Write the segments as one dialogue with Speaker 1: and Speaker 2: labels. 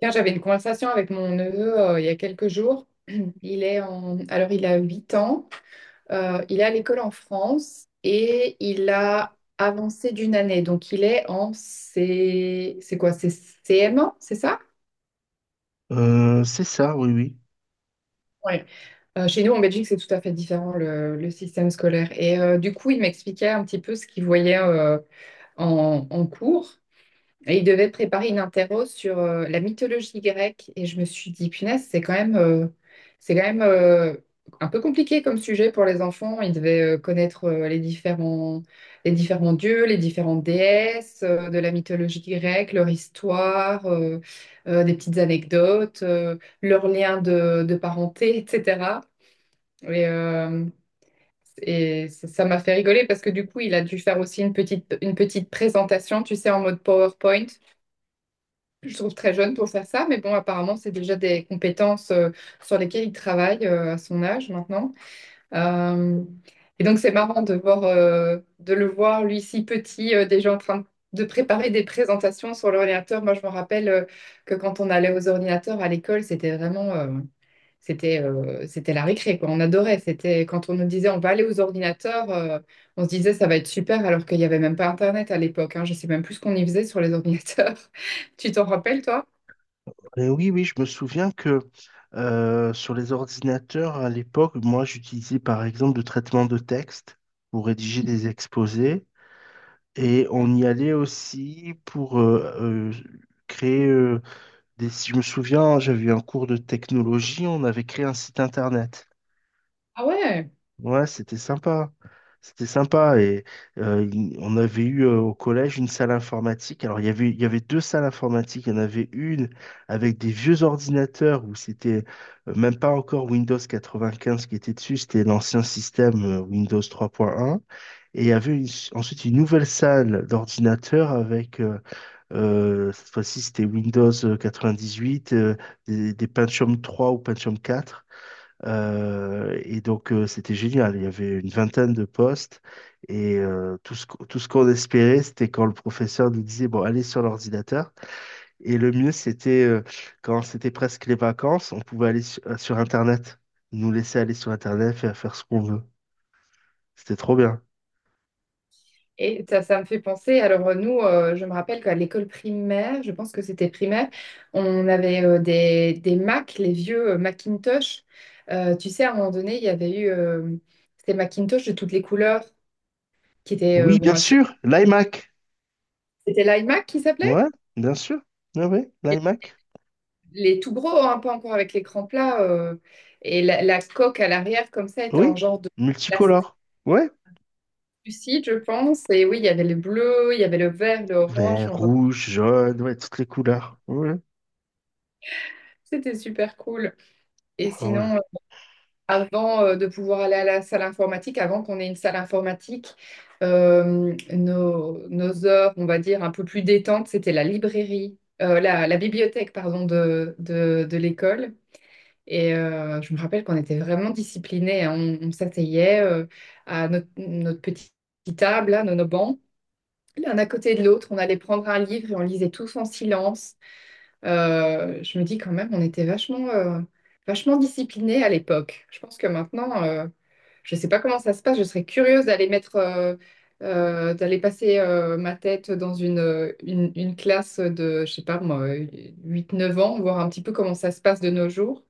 Speaker 1: Là, j'avais une conversation avec mon neveu il y a quelques jours. Il est en... Alors, il a 8 ans. Il est à l'école en France et il a avancé d'une année. Donc, il est en C... C'est quoi? C'est CM1, c'est ça?
Speaker 2: C'est ça, oui, oui.
Speaker 1: Ouais. Chez nous, en Belgique, c'est tout à fait différent, le système scolaire. Et du coup, il m'expliquait un petit peu ce qu'il voyait en cours. Et il devait préparer une interro sur la mythologie grecque. Et je me suis dit, punaise, c'est quand même un peu compliqué comme sujet pour les enfants. Ils devaient connaître les différents dieux, les différentes déesses de la mythologie grecque, leur histoire, des petites anecdotes, leurs liens de parenté, etc. Et, euh, et ça m'a fait rigoler parce que du coup, il a dû faire aussi une petite présentation, tu sais, en mode PowerPoint. Je trouve très jeune pour faire ça, mais bon, apparemment, c'est déjà des compétences sur lesquelles il travaille à son âge maintenant. Euh, et donc, c'est marrant de voir, de le voir, lui, si petit, déjà en train de préparer des présentations sur l'ordinateur. Moi, je me rappelle que quand on allait aux ordinateurs à l'école, c'était la récré, quoi. On adorait. C'était quand on nous disait, on va aller aux ordinateurs, on se disait, ça va être super, alors qu'il n'y avait même pas Internet à l'époque, hein. Je sais même plus ce qu'on y faisait sur les ordinateurs. Tu t'en rappelles, toi?
Speaker 2: Et oui, oui, je me souviens que sur les ordinateurs à l'époque, moi, j'utilisais par exemple le traitement de texte pour rédiger des exposés et on y allait aussi pour créer si je me souviens, j'avais eu un cours de technologie, on avait créé un site internet.
Speaker 1: Ah ouais.
Speaker 2: Ouais, c'était sympa. C'était sympa. Et on avait eu au collège une salle informatique. Alors, il y avait deux salles informatiques. Il y en avait une avec des vieux ordinateurs où c'était même pas encore Windows 95 qui était dessus. C'était l'ancien système Windows 3.1. Et il y avait une- ensuite une nouvelle salle d'ordinateurs avec, cette fois-ci, c'était Windows 98, des Pentium 3 ou Pentium 4. Et donc, c'était génial. Il y avait une vingtaine de postes et tout ce qu'on espérait, c'était quand le professeur nous disait, bon, allez sur l'ordinateur. Et le mieux, c'était quand c'était presque les vacances, on pouvait aller sur Internet. Ils nous laisser aller sur Internet, faire ce qu'on veut. C'était trop bien.
Speaker 1: Et ça me fait penser, alors je me rappelle qu'à l'école primaire, je pense que c'était primaire, on avait des Mac, les vieux Macintosh. Tu sais, à un moment donné, il y avait eu, c'était Macintosh de toutes les couleurs, qui était,
Speaker 2: Oui,
Speaker 1: bon,
Speaker 2: bien
Speaker 1: assez-
Speaker 2: sûr, l'iMac.
Speaker 1: c'était l'iMac qui s'appelait?
Speaker 2: Ouais, bien sûr. Oui, oui,
Speaker 1: Les
Speaker 2: l'iMac.
Speaker 1: les tout gros, hein, pas encore avec l'écran plat. Et la coque à l'arrière, comme ça, était
Speaker 2: Oui,
Speaker 1: en genre de plastique
Speaker 2: multicolore. Ouais,
Speaker 1: lucide, je pense. Et oui, il y avait le bleu, il y avait le vert, le orange. Je
Speaker 2: vert,
Speaker 1: m'en rappelle.
Speaker 2: rouge, jaune, ouais, toutes les couleurs. Ouais,
Speaker 1: C'était super cool. Et
Speaker 2: ouais.
Speaker 1: sinon, avant de pouvoir aller à la salle informatique, avant qu'on ait une salle informatique, nos heures, on va dire, un peu plus détentes, c'était la librairie, la bibliothèque, pardon, de l'école. Et je me rappelle qu'on était vraiment disciplinés, hein. On s'asseyait à notre petite table, là, nos bancs. L'un à côté de l'autre, on allait prendre un livre et on lisait tous en silence. Je me dis quand même, on était vachement disciplinés à l'époque. Je pense que maintenant, je ne sais pas comment ça se passe. Je serais curieuse d'aller mettre, D'aller passer ma tête dans une classe de, je sais pas moi, 8-9 ans, voir un petit peu comment ça se passe de nos jours.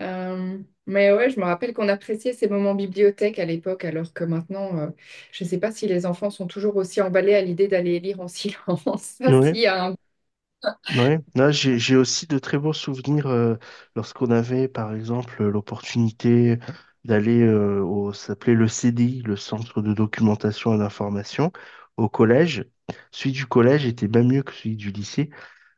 Speaker 1: Euh, mais ouais, je me rappelle qu'on appréciait ces moments bibliothèque à l'époque, alors que maintenant, je ne sais pas si les enfants sont toujours aussi emballés à l'idée d'aller lire en silence. Ça,
Speaker 2: Ouais.
Speaker 1: s'il y a un...
Speaker 2: Ouais, là j'ai aussi de très beaux souvenirs lorsqu'on avait par exemple l'opportunité d'aller au ça s'appelait le CDI, le Centre de documentation et d'information au collège. Celui du collège était bien mieux que celui du lycée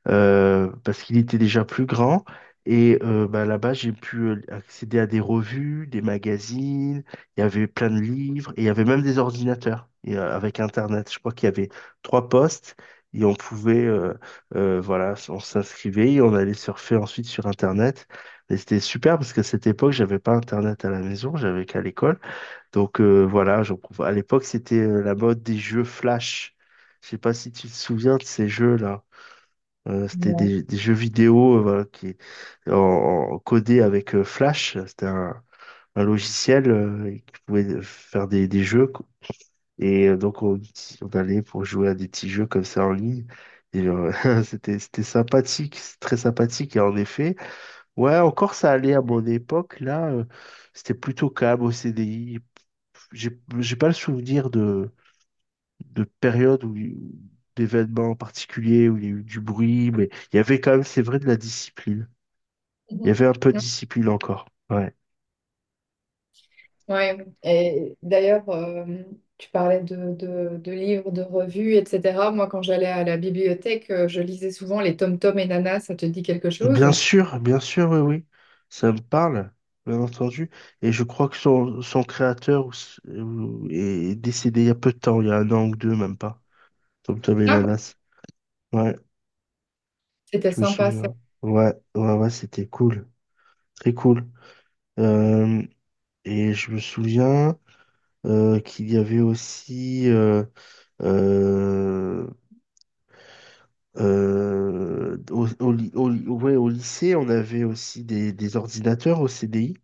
Speaker 2: parce qu'il était déjà plus grand. Et bah, là-bas, j'ai pu accéder à des revues, des magazines, il y avait plein de livres, et il y avait même des ordinateurs et, avec Internet. Je crois qu'il y avait trois postes, et on pouvait, voilà, on s'inscrivait, et on allait surfer ensuite sur Internet. Et c'était super parce qu'à cette époque, j'avais pas Internet à la maison, j'avais qu'à l'école. Donc voilà, à l'époque, c'était la mode des jeux Flash. Je sais pas si tu te souviens de ces jeux-là. Euh, c'était
Speaker 1: Non.
Speaker 2: des, des jeux vidéo voilà, qui codés avec Flash. C'était un logiciel et qui pouvait faire des jeux, quoi. Et donc on allait pour jouer à des petits jeux comme ça en ligne. Et euh, c'était sympathique, c'est très sympathique. Et en effet, ouais, encore ça allait à mon époque. C'était plutôt calme au C D I. J'ai pas le souvenir de périodes d'événements particuliers où il y a eu du bruit, mais il y avait quand même, c'est vrai, de la discipline. Il y
Speaker 1: Mhm.
Speaker 2: avait un peu de discipline encore. Ouais.
Speaker 1: Ouais. Et d'ailleurs, tu parlais de livres, de revues, etc. Moi, quand j'allais à la bibliothèque, je lisais souvent les Tom Tom et Nana, ça te dit quelque chose?
Speaker 2: Bien sûr, oui, oui. Ça me parle, bien entendu. Et je crois que son créateur est décédé il y a peu de temps, il y a un an ou deux, même pas. Tom Tom et
Speaker 1: Ah,
Speaker 2: Nanas. Ouais,
Speaker 1: c'était
Speaker 2: je me
Speaker 1: sympa, ça.
Speaker 2: souviens. Ouais, ouais, ouais, c'était cool. Très cool. Euh, et je me souviens qu'il y avait aussi. Euh, ouais, au lycée, on avait aussi des ordinateurs au CDI.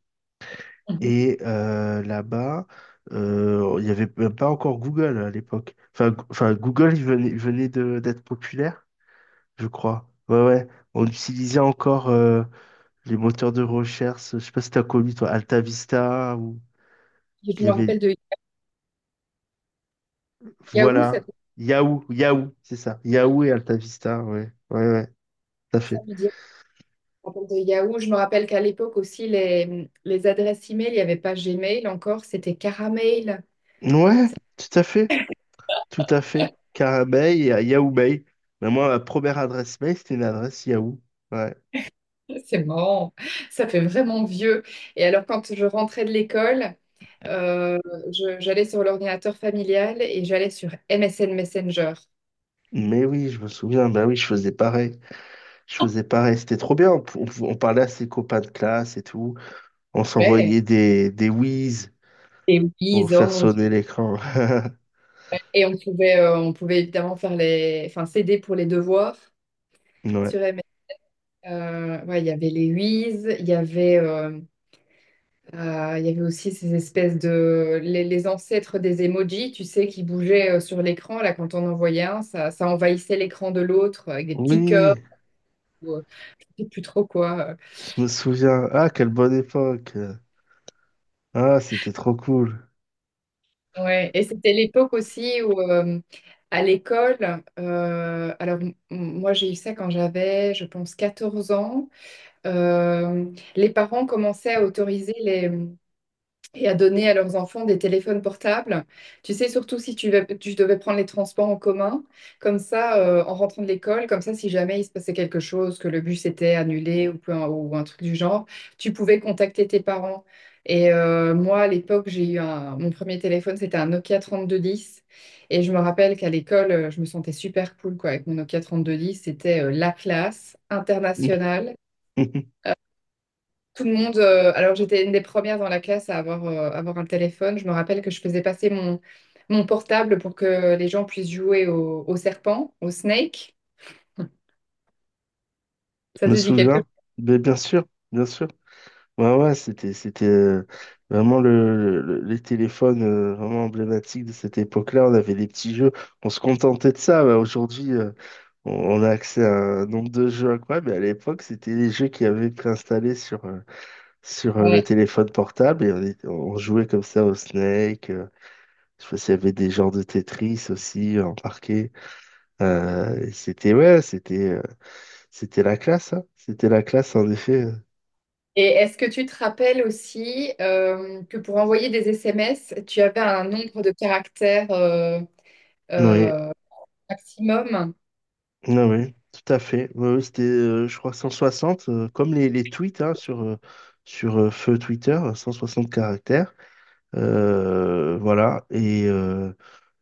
Speaker 1: Mhm.
Speaker 2: Et là-bas, il n'y avait même pas encore Google à l'époque. Enfin, Google, il venait d'être populaire, je crois. Ouais, ouais. On utilisait encore les moteurs de recherche. Je sais pas si t'as connu, toi, AltaVista ou
Speaker 1: Je
Speaker 2: il y
Speaker 1: me
Speaker 2: avait,
Speaker 1: rappelle de Yahoo,
Speaker 2: voilà, Yahoo, Yahoo, c'est ça. Yahoo et AltaVista, ouais, ouais, ouais, tout à
Speaker 1: ça
Speaker 2: fait.
Speaker 1: me dit. Je me rappelle de Yahoo. Je me rappelle qu'à l'époque aussi, les adresses email, il n'y avait pas Gmail encore, c'était Caramail.
Speaker 2: Ouais, tout à fait, tout à fait. Car à Bay et à Yahoo Bay. Mais moi, ma première adresse mail, c'était une adresse Yahoo. Ouais.
Speaker 1: C'est marrant, ça fait vraiment vieux. Et alors, quand je rentrais de l'école, Euh, j'allais sur l'ordinateur familial et j'allais sur MSN Messenger.
Speaker 2: Mais oui, je me souviens, bah oui, je faisais pareil. Je faisais pareil. C'était trop bien. On parlait à ses copains de classe et tout. On
Speaker 1: Ouais.
Speaker 2: s'envoyait des whiz
Speaker 1: Et oui,
Speaker 2: pour faire sonner l'écran.
Speaker 1: et on pouvait évidemment faire les, enfin, s'aider pour les devoirs
Speaker 2: Ouais.
Speaker 1: sur MS. Ouais, il y avait les Wiz, il y avait aussi ces espèces de, les ancêtres des emojis, tu sais, qui bougeaient sur l'écran. Là, quand on envoyait un, ça envahissait l'écran de l'autre avec des petits cœurs
Speaker 2: Oui,
Speaker 1: ou je sais plus trop quoi.
Speaker 2: je me souviens. Ah, quelle bonne époque. Ah, c'était trop cool.
Speaker 1: Ouais, et c'était l'époque aussi où, à l'école, euh, alors m- moi j'ai eu ça quand j'avais, je pense, 14 ans, euh, les parents commençaient à autoriser et à donner à leurs enfants des téléphones portables. Tu sais, surtout si tu devais prendre les transports en commun, comme ça, en rentrant de l'école, comme ça, si jamais il se passait quelque chose, que le bus était annulé ou un truc du genre, tu pouvais contacter tes parents. Et moi, à l'époque, mon premier téléphone, c'était un Nokia 3210. Et je me rappelle qu'à l'école, je me sentais super cool quoi, avec mon Nokia 3210. C'était la classe internationale.
Speaker 2: Je
Speaker 1: Tout le monde, alors j'étais une des premières dans la classe à avoir un téléphone. Je me rappelle que je faisais passer mon portable pour que les gens puissent jouer au serpent, au snake. Ça
Speaker 2: me
Speaker 1: te dit quelque
Speaker 2: souviens.
Speaker 1: chose?
Speaker 2: Mais bien sûr, bien sûr. Ouais, ouais, c'était vraiment les téléphones vraiment emblématiques de cette époque-là. On avait des petits jeux. On se contentait de ça. Bah, aujourd'hui, on, on a accès à un nombre de jeux incroyable. Mais à l'époque, c'était les jeux qui avaient préinstallés sur le
Speaker 1: Ouais.
Speaker 2: téléphone portable. Et on jouait comme ça au Snake. Je sais pas s'il y avait des genres de Tetris aussi embarqués. Ouais, c'était la classe, hein. C'était la classe, en effet.
Speaker 1: Et est-ce que tu te rappelles aussi que pour envoyer des SMS, tu avais un nombre de caractères
Speaker 2: Oui.
Speaker 1: euh, maximum?
Speaker 2: Ah oui, tout à fait. Oui, oui, je crois, 160, comme les tweets, hein, sur feu Twitter, 160 caractères. Voilà. Et, euh,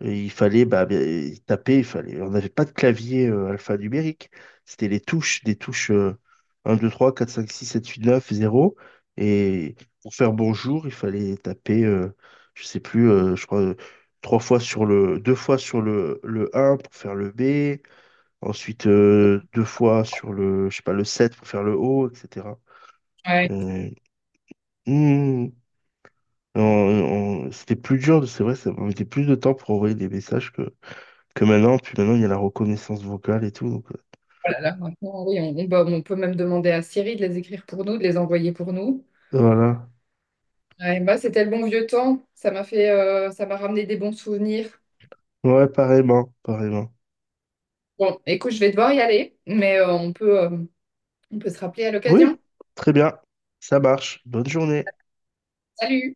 Speaker 2: et il fallait, bah, bien, et taper, il fallait. On n'avait pas de clavier alphanumérique. C'était les touches, 1, 2, 3, 4, 5, 6, 7, 8, 9, 0. Et pour faire bonjour, il fallait taper, je sais plus, je crois, trois fois sur le, deux fois sur le un pour faire le B. Ensuite, deux fois sur je sais pas, le 7 pour faire le haut, etc.
Speaker 1: Ouais.
Speaker 2: Euh, hmm, on- C'était plus dur, c'est vrai, ça mettait plus de temps pour envoyer des messages que maintenant. Puis maintenant, il y a la reconnaissance vocale et tout. Donc,
Speaker 1: Oh là là, maintenant, oui, bah, on peut même demander à Siri de les écrire pour nous, de les envoyer pour nous.
Speaker 2: voilà.
Speaker 1: Ouais, bah, c'était le bon vieux temps. Ça m'a ramené des bons souvenirs.
Speaker 2: Ouais, pareillement, pareillement.
Speaker 1: Bon, écoute, je vais devoir y aller, mais on peut se rappeler à
Speaker 2: Oui,
Speaker 1: l'occasion.
Speaker 2: très bien. Ça marche. Bonne journée.
Speaker 1: Salut!